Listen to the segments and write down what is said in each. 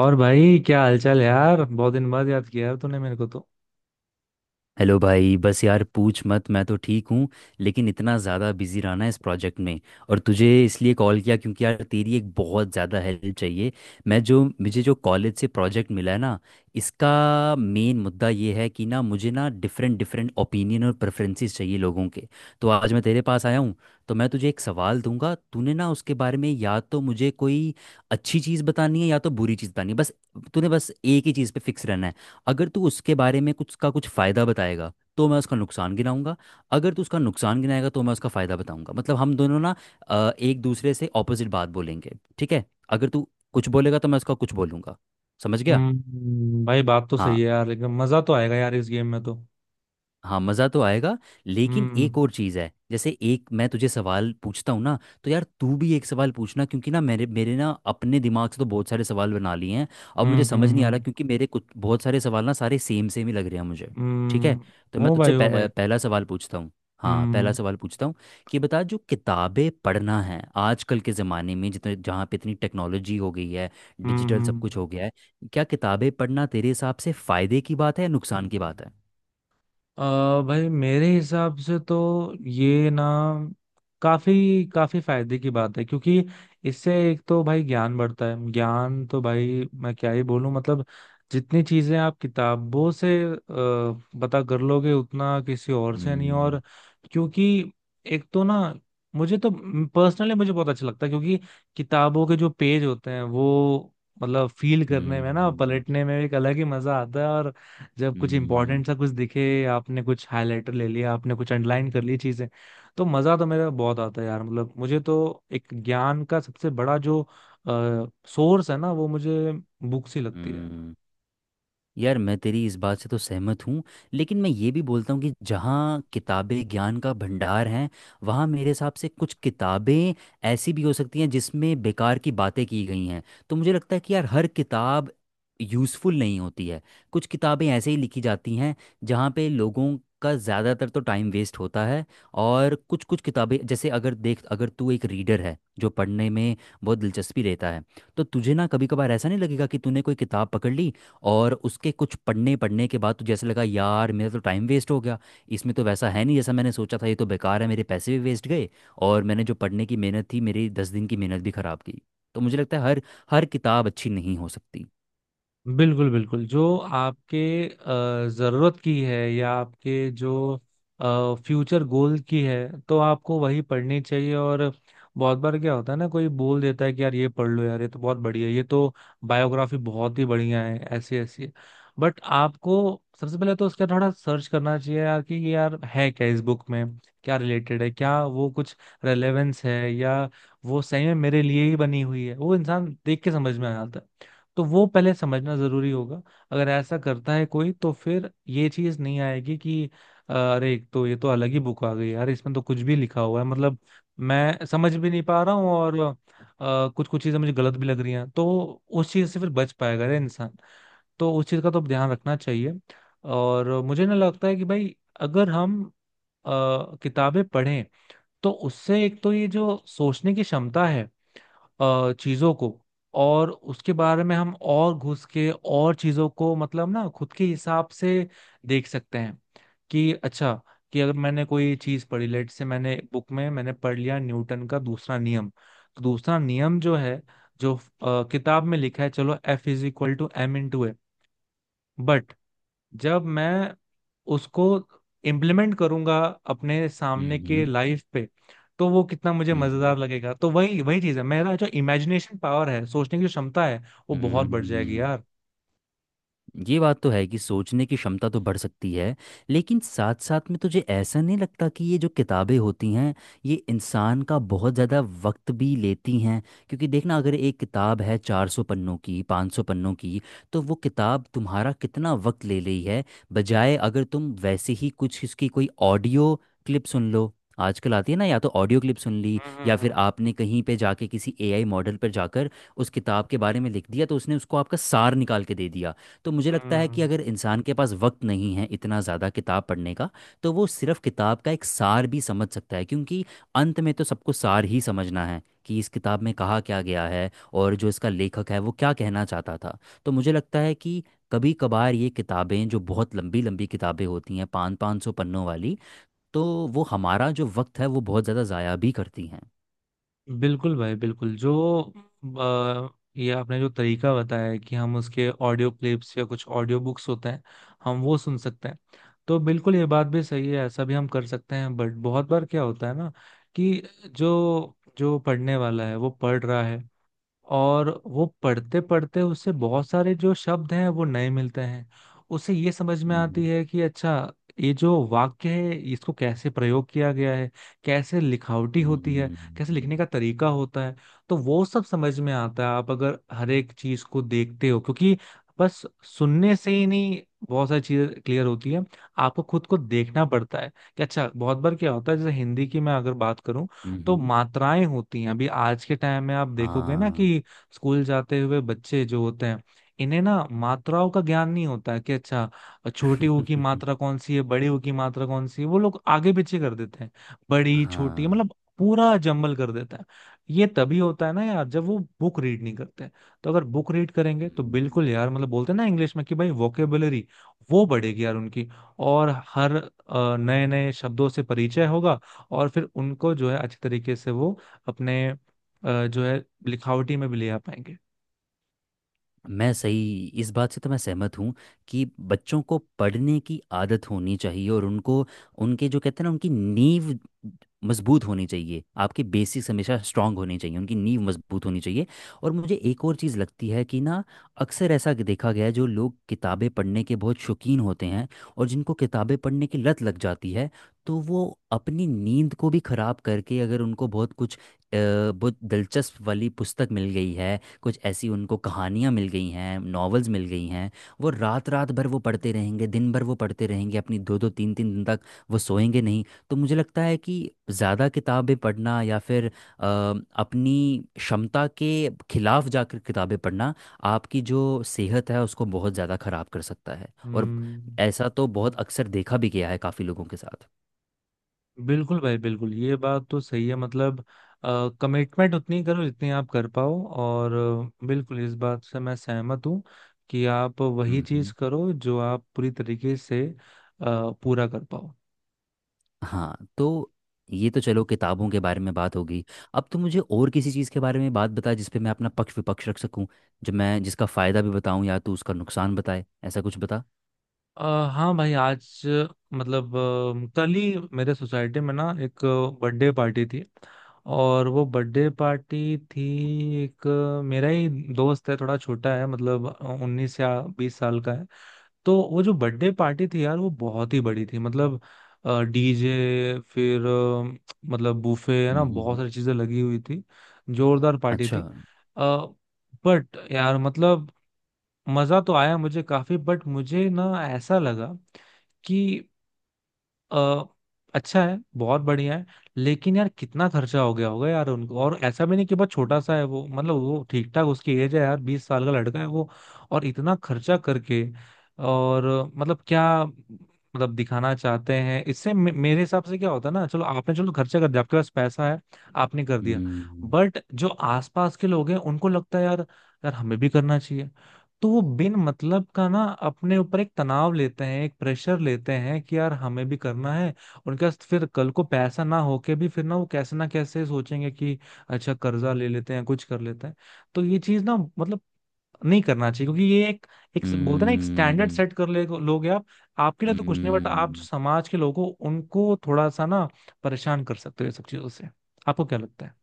और भाई, क्या हालचाल यार? बहुत दिन बाद याद किया यार तूने मेरे को तो। हेलो भाई। बस यार पूछ मत, मैं तो ठीक हूँ। लेकिन इतना ज़्यादा बिजी रहना है इस प्रोजेक्ट में। और तुझे इसलिए कॉल किया क्योंकि यार तेरी एक बहुत ज़्यादा हेल्प चाहिए। मैं जो मुझे जो कॉलेज से प्रोजेक्ट मिला है ना, इसका मेन मुद्दा ये है कि ना, मुझे ना डिफरेंट डिफरेंट ओपिनियन और प्रेफरेंसेस चाहिए लोगों के। तो आज मैं तेरे पास आया हूँ। तो मैं तुझे एक सवाल दूंगा, तूने ना उसके बारे में या तो मुझे कोई अच्छी चीज़ बतानी है या तो बुरी चीज़ बतानी है, बस। तूने बस एक ही चीज़ पे फिक्स रहना है। अगर तू उसके बारे में कुछ का कुछ फ़ायदा बताएगा तो मैं उसका नुकसान गिनाऊंगा। अगर तू उसका नुकसान गिनाएगा तो मैं उसका फ़ायदा बताऊंगा। मतलब हम दोनों ना एक दूसरे से ऑपोजिट बात बोलेंगे, ठीक है। अगर तू कुछ बोलेगा तो मैं उसका कुछ बोलूंगा। समझ गया। हम्म, भाई बात तो हाँ। सही है यार, लेकिन मजा तो आएगा यार इस गेम में तो। हाँ, मज़ा तो आएगा। लेकिन एक हम्म, और चीज़ है, जैसे एक मैं तुझे सवाल पूछता हूँ ना, तो यार तू भी एक सवाल पूछना क्योंकि ना मेरे मेरे ना अपने दिमाग से तो बहुत सारे सवाल बना लिए हैं। अब मुझे हम्म, समझ हम्म। नहीं आ रहा हम्म, क्योंकि मेरे कुछ बहुत सारे सवाल ना सारे सेम सेम ही लग रहे हैं मुझे। ठीक हम्म। है, तो मैं हो तुझसे भाई, हो भाई। पहला सवाल पूछता हूँ। हाँ, पहला हम्म, सवाल पूछता हूँ, कि बता जो किताबें पढ़ना है आजकल के ज़माने में, जितने जहाँ पे इतनी टेक्नोलॉजी हो गई है, हम्म, डिजिटल सब कुछ हम्म। हो गया है, क्या किताबें पढ़ना तेरे हिसाब से फ़ायदे की बात है या नुकसान की बात है? अ भाई मेरे हिसाब से तो ये ना काफी काफी फायदे की बात है। क्योंकि इससे एक तो भाई ज्ञान बढ़ता है, ज्ञान तो भाई मैं क्या ही बोलूं, मतलब जितनी चीजें आप किताबों से पता कर लोगे उतना किसी और से नहीं। और हम्म। क्योंकि एक तो ना, मुझे तो, पर्सनली मुझे बहुत अच्छा लगता है क्योंकि किताबों के जो पेज होते हैं वो, मतलब फील हुआ करने में ना, हुआ। पलटने में एक अलग ही मजा आता है। और जब कुछ हुआ इंपॉर्टेंट सा कुछ दिखे, आपने कुछ हाईलाइटर ले लिया, आपने कुछ अंडरलाइन कर ली चीजें, तो मजा तो मेरा बहुत आता है यार। मतलब मुझे तो एक ज्ञान का सबसे बड़ा जो सोर्स है ना वो मुझे बुक्स ही लगती है यार। हुआ। यार मैं तेरी इस बात से तो सहमत हूँ। लेकिन मैं ये भी बोलता हूँ कि जहाँ किताबें ज्ञान का भंडार हैं, वहाँ मेरे हिसाब से कुछ किताबें ऐसी भी हो सकती हैं जिसमें बेकार की बातें की गई हैं। तो मुझे लगता है कि यार हर किताब यूज़फुल नहीं होती है। कुछ किताबें ऐसे ही लिखी जाती हैं जहाँ पे लोगों का ज़्यादातर तो टाइम वेस्ट होता है। और कुछ कुछ किताबें, जैसे अगर देख, अगर तू एक रीडर है जो पढ़ने में बहुत दिलचस्पी लेता है, तो तुझे ना कभी कभार ऐसा नहीं लगेगा कि तूने कोई किताब पकड़ ली और उसके कुछ पढ़ने पढ़ने के बाद तुझे ऐसे लगा यार मेरा तो टाइम वेस्ट हो गया। इसमें तो वैसा है नहीं जैसा मैंने सोचा था, ये तो बेकार है, मेरे पैसे भी वेस्ट गए और मैंने जो पढ़ने की मेहनत थी मेरी 10 दिन की मेहनत भी खराब की। तो मुझे लगता है हर हर किताब अच्छी नहीं हो सकती। बिल्कुल बिल्कुल, जो आपके जरूरत की है या आपके जो फ्यूचर गोल की है, तो आपको वही पढ़नी चाहिए। और बहुत बार क्या होता है ना, कोई बोल देता है कि यार ये पढ़ लो यार ये तो बहुत बढ़िया है, ये तो बायोग्राफी बहुत ही बढ़िया है, ऐसी ऐसी। बट आपको सबसे पहले तो उसका थोड़ा सर्च करना चाहिए यार कि ये यार है क्या इस बुक में, क्या रिलेटेड है, क्या वो कुछ रेलेवेंस है, या वो सही में मेरे लिए ही बनी हुई है, वो इंसान देख के समझ में आ जाता है। तो वो पहले समझना जरूरी होगा। अगर ऐसा करता है कोई तो फिर ये चीज नहीं आएगी कि अरे एक तो ये तो अलग ही बुक आ गई यार, इसमें तो कुछ भी लिखा हुआ है, मतलब मैं समझ भी नहीं पा रहा हूँ और कुछ कुछ चीजें मुझे गलत भी लग रही हैं, तो उस चीज से फिर बच पाएगा रे इंसान। तो उस चीज का तो ध्यान रखना चाहिए। और मुझे ना लगता है कि भाई, अगर हम किताबें पढ़ें तो उससे एक तो ये जो सोचने की क्षमता है, चीजों को, और उसके बारे में हम और घुस के और चीजों को मतलब ना खुद के हिसाब से देख सकते हैं कि अच्छा, कि अगर मैंने कोई चीज पढ़ी, लेट से मैंने बुक में मैंने पढ़ लिया न्यूटन का दूसरा नियम, तो दूसरा नियम जो है, जो किताब में लिखा है, चलो F is equal to M into A, but जब मैं उसको इम्प्लीमेंट करूंगा अपने हम्म। सामने के लाइफ पे, तो वो कितना मुझे हम्म। मजेदार लगेगा। तो वही वही चीज है, मेरा जो इमेजिनेशन पावर है, सोचने की जो क्षमता है, वो हम्म। बहुत बढ़ जाएगी हम्म, यार। ये बात तो है कि सोचने की क्षमता तो बढ़ सकती है। लेकिन साथ साथ में तुझे ऐसा नहीं लगता कि ये जो किताबें होती हैं, ये इंसान का बहुत ज़्यादा वक्त भी लेती हैं? क्योंकि देखना, अगर एक किताब है 400 पन्नों की, 500 पन्नों की, तो वो किताब तुम्हारा कितना वक्त ले रही है। बजाय अगर तुम वैसे ही कुछ इसकी कोई ऑडियो क्लिप सुन लो, आजकल आती है ना, या तो ऑडियो क्लिप सुन ली, हम्म, या फिर हम्म, आपने कहीं पे जाके किसी एआई मॉडल पर जाकर उस किताब के बारे में लिख दिया, तो उसने उसको आपका सार निकाल के दे दिया। तो मुझे लगता है कि हम्म, अगर इंसान के पास वक्त नहीं है इतना ज़्यादा किताब पढ़ने का, तो वो सिर्फ किताब का एक सार भी समझ सकता है, क्योंकि अंत में तो सबको सार ही समझना है कि इस किताब में कहा क्या गया है और जो इसका लेखक है वो क्या कहना चाहता था। तो मुझे लगता है कि कभी कभार ये किताबें, जो बहुत लंबी लंबी किताबें होती हैं 500-500 पन्नों वाली, तो वो हमारा जो वक्त है वो बहुत ज़्यादा ज़ाया भी करती हैं। बिल्कुल भाई बिल्कुल, जो अ, ये आपने जो तरीका बताया है कि हम उसके ऑडियो क्लिप्स या कुछ ऑडियो बुक्स होते हैं, हम वो सुन सकते हैं, तो बिल्कुल ये बात भी सही है, ऐसा भी हम कर सकते हैं। बट बहुत बार क्या होता है ना, कि जो जो पढ़ने वाला है वो पढ़ रहा है, और वो पढ़ते पढ़ते उसे बहुत सारे जो शब्द हैं वो नए मिलते हैं, उसे ये समझ में आती हम्म। है कि अच्छा, ये जो वाक्य है इसको कैसे प्रयोग किया गया है, कैसे लिखावटी होती है, कैसे लिखने हम्म। का तरीका होता है। तो वो सब समझ में आता है, आप अगर हर एक चीज को देखते हो, क्योंकि बस सुनने से ही नहीं बहुत सारी चीजें क्लियर होती है, आपको खुद को देखना पड़ता है कि अच्छा, बहुत बार क्या होता है जैसे हिंदी की मैं अगर बात करूं, तो हम्म, मात्राएं होती हैं। अभी आज के टाइम में आप देखोगे ना हाँ। कि स्कूल जाते हुए बच्चे जो होते हैं, इन्हें ना मात्राओं का ज्ञान नहीं होता है कि अच्छा, छोटी ऊ की मात्रा कौन सी है, बड़ी ऊ की मात्रा कौन सी है, वो लोग आगे पीछे कर देते हैं, बड़ी छोटी, हाँ। मतलब पूरा जंबल कर देता है। ये तभी होता है ना यार जब वो बुक रीड नहीं करते। तो अगर बुक रीड करेंगे तो हम्म। बिल्कुल यार, मतलब बोलते हैं ना इंग्लिश में कि भाई वोकेबुलरी वो बढ़ेगी यार उनकी। और हर नए नए शब्दों से परिचय होगा, और फिर उनको जो है अच्छे तरीके से वो अपने जो है लिखावटी में भी ले आ पाएंगे। मैं सही इस बात से तो मैं सहमत हूँ कि बच्चों को पढ़ने की आदत होनी चाहिए और उनको, उनके जो कहते हैं ना, उनकी नींव मजबूत होनी चाहिए, आपके बेसिक्स हमेशा स्ट्रांग होने चाहिए, उनकी नींव मजबूत होनी चाहिए। और मुझे एक और चीज़ लगती है कि ना, अक्सर ऐसा कि देखा गया है, जो लोग किताबें पढ़ने के बहुत शौकीन होते हैं और जिनको किताबें पढ़ने की लत लग जाती है, तो वो अपनी नींद को भी ख़राब करके, अगर उनको बहुत कुछ बहुत दिलचस्प वाली पुस्तक मिल गई है, कुछ ऐसी उनको कहानियाँ मिल गई हैं, नॉवेल्स मिल गई हैं, वो रात रात भर वो पढ़ते रहेंगे, दिन भर वो पढ़ते रहेंगे, अपनी दो दो तीन तीन दिन तक वो सोएंगे नहीं। तो मुझे लगता है कि ज़्यादा किताबें पढ़ना या फिर अपनी क्षमता के खिलाफ जाकर किताबें पढ़ना आपकी जो सेहत है उसको बहुत ज़्यादा ख़राब कर सकता है। और हम्म, ऐसा तो बहुत अक्सर देखा भी गया है काफ़ी लोगों के साथ। बिल्कुल भाई बिल्कुल, ये बात तो सही है, मतलब कमिटमेंट उतनी करो जितनी आप कर पाओ। और बिल्कुल इस बात से मैं सहमत हूँ कि आप वही चीज हम्म। करो जो आप पूरी तरीके से पूरा कर पाओ। हाँ। तो ये तो चलो किताबों के बारे में बात होगी। अब तो मुझे और किसी चीज़ के बारे में बात बता जिस पे मैं अपना पक्ष विपक्ष रख सकूं, जो मैं जिसका फ़ायदा भी बताऊं या तो उसका नुकसान बताए, ऐसा कुछ बता। अ, हाँ भाई, आज मतलब कल ही मेरे सोसाइटी में ना एक बर्थडे पार्टी थी। और वो बर्थडे पार्टी थी, मेरा ही दोस्त है, थोड़ा छोटा है, मतलब 19 या 20 साल का है। तो वो जो बर्थडे पार्टी थी यार वो बहुत ही बड़ी थी, मतलब डीजे, फिर मतलब बूफे है ना, बहुत हम्म। सारी चीजें लगी हुई थी, जोरदार पार्टी अच्छा। थी। अ, बट यार मतलब मजा तो आया मुझे काफी। बट मुझे ना ऐसा लगा कि अ, अच्छा है, बहुत बढ़िया है, लेकिन यार कितना खर्चा हो गया होगा यार उनको। और ऐसा भी नहीं कि बहुत छोटा सा है वो, मतलब वो ठीक ठाक उसकी एज है यार, 20 साल का लड़का है वो। और इतना खर्चा करके, और मतलब क्या, मतलब दिखाना चाहते हैं इससे, मे मेरे हिसाब से क्या होता है ना, चलो आपने चलो खर्चा कर दिया, आपके पास पैसा है, आपने कर दिया। हम्म। बट जो आसपास के लोग हैं उनको लगता है यार, यार हमें भी करना चाहिए, तो वो बिन मतलब का ना अपने ऊपर एक तनाव लेते हैं, एक प्रेशर लेते हैं कि यार हमें भी करना है। उनके पास फिर कल को पैसा ना होके भी फिर ना वो कैसे ना कैसे सोचेंगे कि अच्छा कर्जा ले लेते हैं, कुछ कर लेते हैं। तो ये चीज ना मतलब नहीं करना चाहिए, क्योंकि ये एक एक बोलते हैं ना, एक स्टैंडर्ड うーん、うーん。सेट कर ले लोगे आप। आपके लिए तो कुछ नहीं, बट आप जो समाज के लोगों, उनको थोड़ा सा ना परेशान कर सकते हो ये सब चीजों से। आपको क्या लगता है?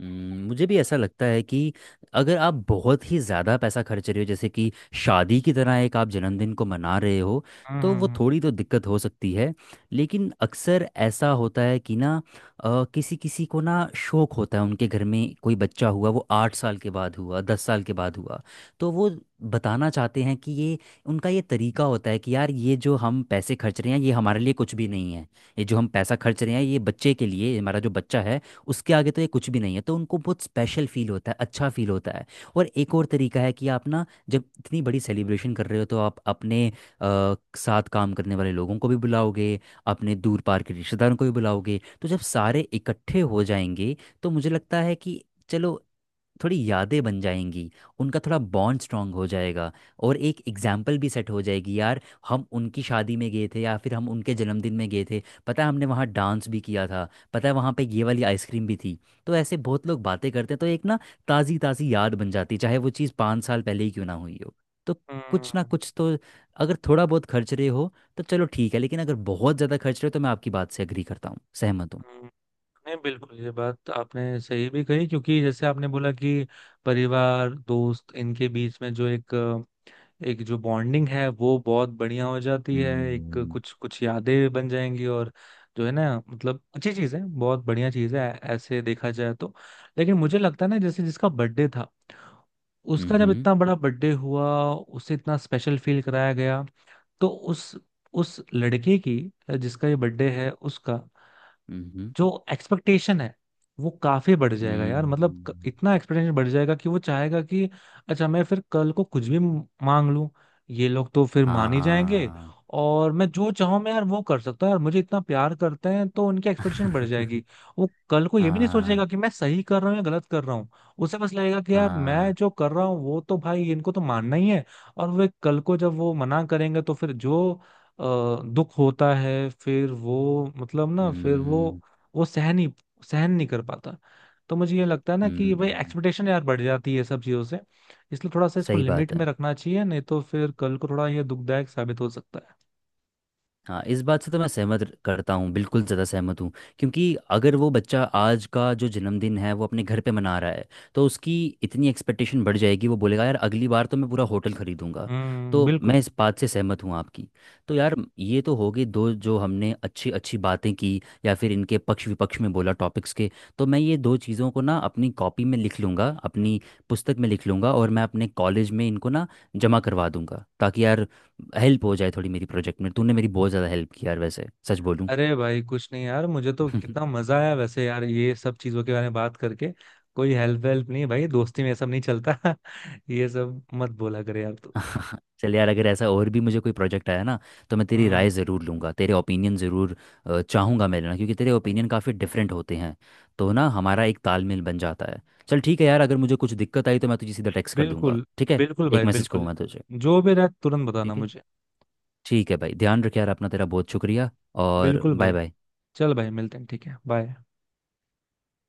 मुझे भी ऐसा लगता है कि अगर आप बहुत ही ज़्यादा पैसा खर्च रहे हो, जैसे कि शादी की तरह एक आप जन्मदिन को मना रहे हो, हम्म, तो वो हम्म, थोड़ी तो दिक्कत हो सकती है। लेकिन अक्सर ऐसा होता है कि ना, किसी किसी को ना शौक होता है, उनके घर में कोई बच्चा हुआ, वो 8 साल के बाद हुआ, 10 साल के बाद हुआ, तो वो बताना चाहते हैं कि ये उनका ये तरीका होता है कि यार ये जो हम पैसे खर्च रहे हैं ये हमारे लिए कुछ भी नहीं है, ये जो हम पैसा खर्च रहे हैं ये बच्चे के लिए, हमारा जो बच्चा है उसके आगे तो ये कुछ भी नहीं है, तो उनको बहुत स्पेशल फील होता है, अच्छा फील होता है। और एक और तरीका है कि आप ना, जब इतनी बड़ी सेलिब्रेशन कर रहे हो तो आप अपने साथ काम करने वाले लोगों को भी बुलाओगे, अपने दूर पार के रिश्तेदारों को भी बुलाओगे, तो जब सारे इकट्ठे हो जाएंगे, तो मुझे लगता है कि चलो थोड़ी यादें बन जाएंगी, उनका थोड़ा बॉन्ड स्ट्रांग हो जाएगा और एक एग्जाम्पल भी सेट हो जाएगी यार, हम उनकी शादी में गए थे या फिर हम उनके जन्मदिन में गए थे, पता है हमने वहाँ डांस भी किया था, पता है वहाँ पे ये वाली आइसक्रीम भी थी। तो ऐसे बहुत लोग बातें करते हैं, तो एक ना ताज़ी ताज़ी याद बन जाती है, चाहे वो चीज़ 5 साल पहले ही क्यों ना हुई हो। तो कुछ ना हम्म, कुछ तो, अगर थोड़ा बहुत खर्च रहे हो तो चलो ठीक है, लेकिन अगर बहुत ज़्यादा खर्च रहे हो तो मैं आपकी बात से अग्री करता हूँ, सहमत हूँ। हम्म, नहीं बिल्कुल, ये बात आपने सही भी कही, क्योंकि जैसे आपने बोला कि परिवार दोस्त इनके बीच में जो एक एक जो बॉन्डिंग है वो बहुत बढ़िया हो जाती है, एक हम्म। कुछ कुछ यादें बन जाएंगी, और जो है ना मतलब अच्छी चीज़ है, बहुत बढ़िया चीज़ है, ऐसे देखा जाए तो। लेकिन मुझे लगता है ना, जैसे जिसका बर्थडे था उसका जब हम्म। इतना बड़ा बर्थडे हुआ, उसे इतना स्पेशल फील कराया गया, तो उस, लड़के की, जिसका ये बर्थडे है उसका हम्म। जो एक्सपेक्टेशन है वो काफी बढ़ जाएगा यार। मतलब हम्म। इतना एक्सपेक्टेशन बढ़ जाएगा कि वो चाहेगा कि अच्छा, मैं फिर कल को कुछ भी मांग लूं, ये लोग तो फिर मान ही जाएंगे। हाँ। और मैं जो चाहूं मैं यार वो कर सकता हूँ यार, मुझे इतना प्यार करते हैं, तो उनकी एक्सपेक्टेशन बढ़ जाएगी। वो कल को ये भी नहीं हाँ। सोचेगा कि मैं सही कर रहा हूँ या गलत कर रहा हूँ, उसे बस लगेगा कि यार मैं हाँ। जो कर रहा हूँ वो तो भाई इनको तो मानना ही है। और वे कल को जब वो मना करेंगे तो फिर जो दुख होता है, फिर वो, मतलब ना फिर वो हम्म। वो सहन नहीं कर पाता। तो मुझे ये लगता है ना कि भाई हम्म, एक्सपेक्टेशन यार बढ़ जाती है सब चीज़ों से, इसलिए थोड़ा सा इसको सही लिमिट बात है। में रखना चाहिए, नहीं तो फिर कल को थोड़ा ये दुखदायक साबित हो सकता है। हाँ, इस बात से तो मैं सहमत करता हूँ, बिल्कुल ज़्यादा सहमत हूँ। क्योंकि अगर वो बच्चा आज का जो जन्मदिन है वो अपने घर पे मना रहा है, तो उसकी इतनी एक्सपेक्टेशन बढ़ जाएगी, वो बोलेगा यार अगली बार तो मैं पूरा होटल खरीदूंगा। हम्म, तो बिल्कुल। मैं इस बात से सहमत हूँ आपकी। तो यार ये तो हो गई दो जो हमने अच्छी अच्छी बातें की या फिर इनके पक्ष विपक्ष में बोला टॉपिक्स के। तो मैं ये दो चीज़ों को ना अपनी कॉपी में लिख लूँगा, अपनी पुस्तक में लिख लूँगा, और मैं अपने कॉलेज में इनको ना जमा करवा दूंगा ताकि यार हेल्प हो जाए थोड़ी मेरी प्रोजेक्ट में। तूने मेरी बहुत ज़्यादा हेल्प की यार, वैसे सच बोलूँ। अरे भाई, कुछ नहीं यार, मुझे तो कितना मजा आया वैसे यार ये सब चीज़ों के बारे में बात करके। कोई हेल्प वेल्प नहीं भाई, दोस्ती में ये सब नहीं चलता। ये सब मत बोला करे यार तू। चल यार, अगर ऐसा और भी मुझे कोई प्रोजेक्ट आया ना तो मैं तेरी हम्म, राय ज़रूर लूँगा, तेरे ओपिनियन ज़रूर चाहूँगा मैं लेना, क्योंकि तेरे ओपिनियन काफ़ी डिफरेंट होते हैं, तो ना हमारा एक तालमेल बन जाता है। चल ठीक है यार, अगर मुझे कुछ दिक्कत आई तो मैं तुझे सीधा टेक्स्ट कर दूंगा, बिल्कुल। ठीक है। बिल्कुल एक भाई मैसेज कहूँ बिल्कुल। मैं तुझे। जो भी रहे तुरंत बताना ठीक है। मुझे। ठीक है भाई, ध्यान रख यार अपना, तेरा बहुत शुक्रिया। और बिल्कुल बाय भाई। बाय। चल भाई, मिलते हैं, ठीक है, बाय।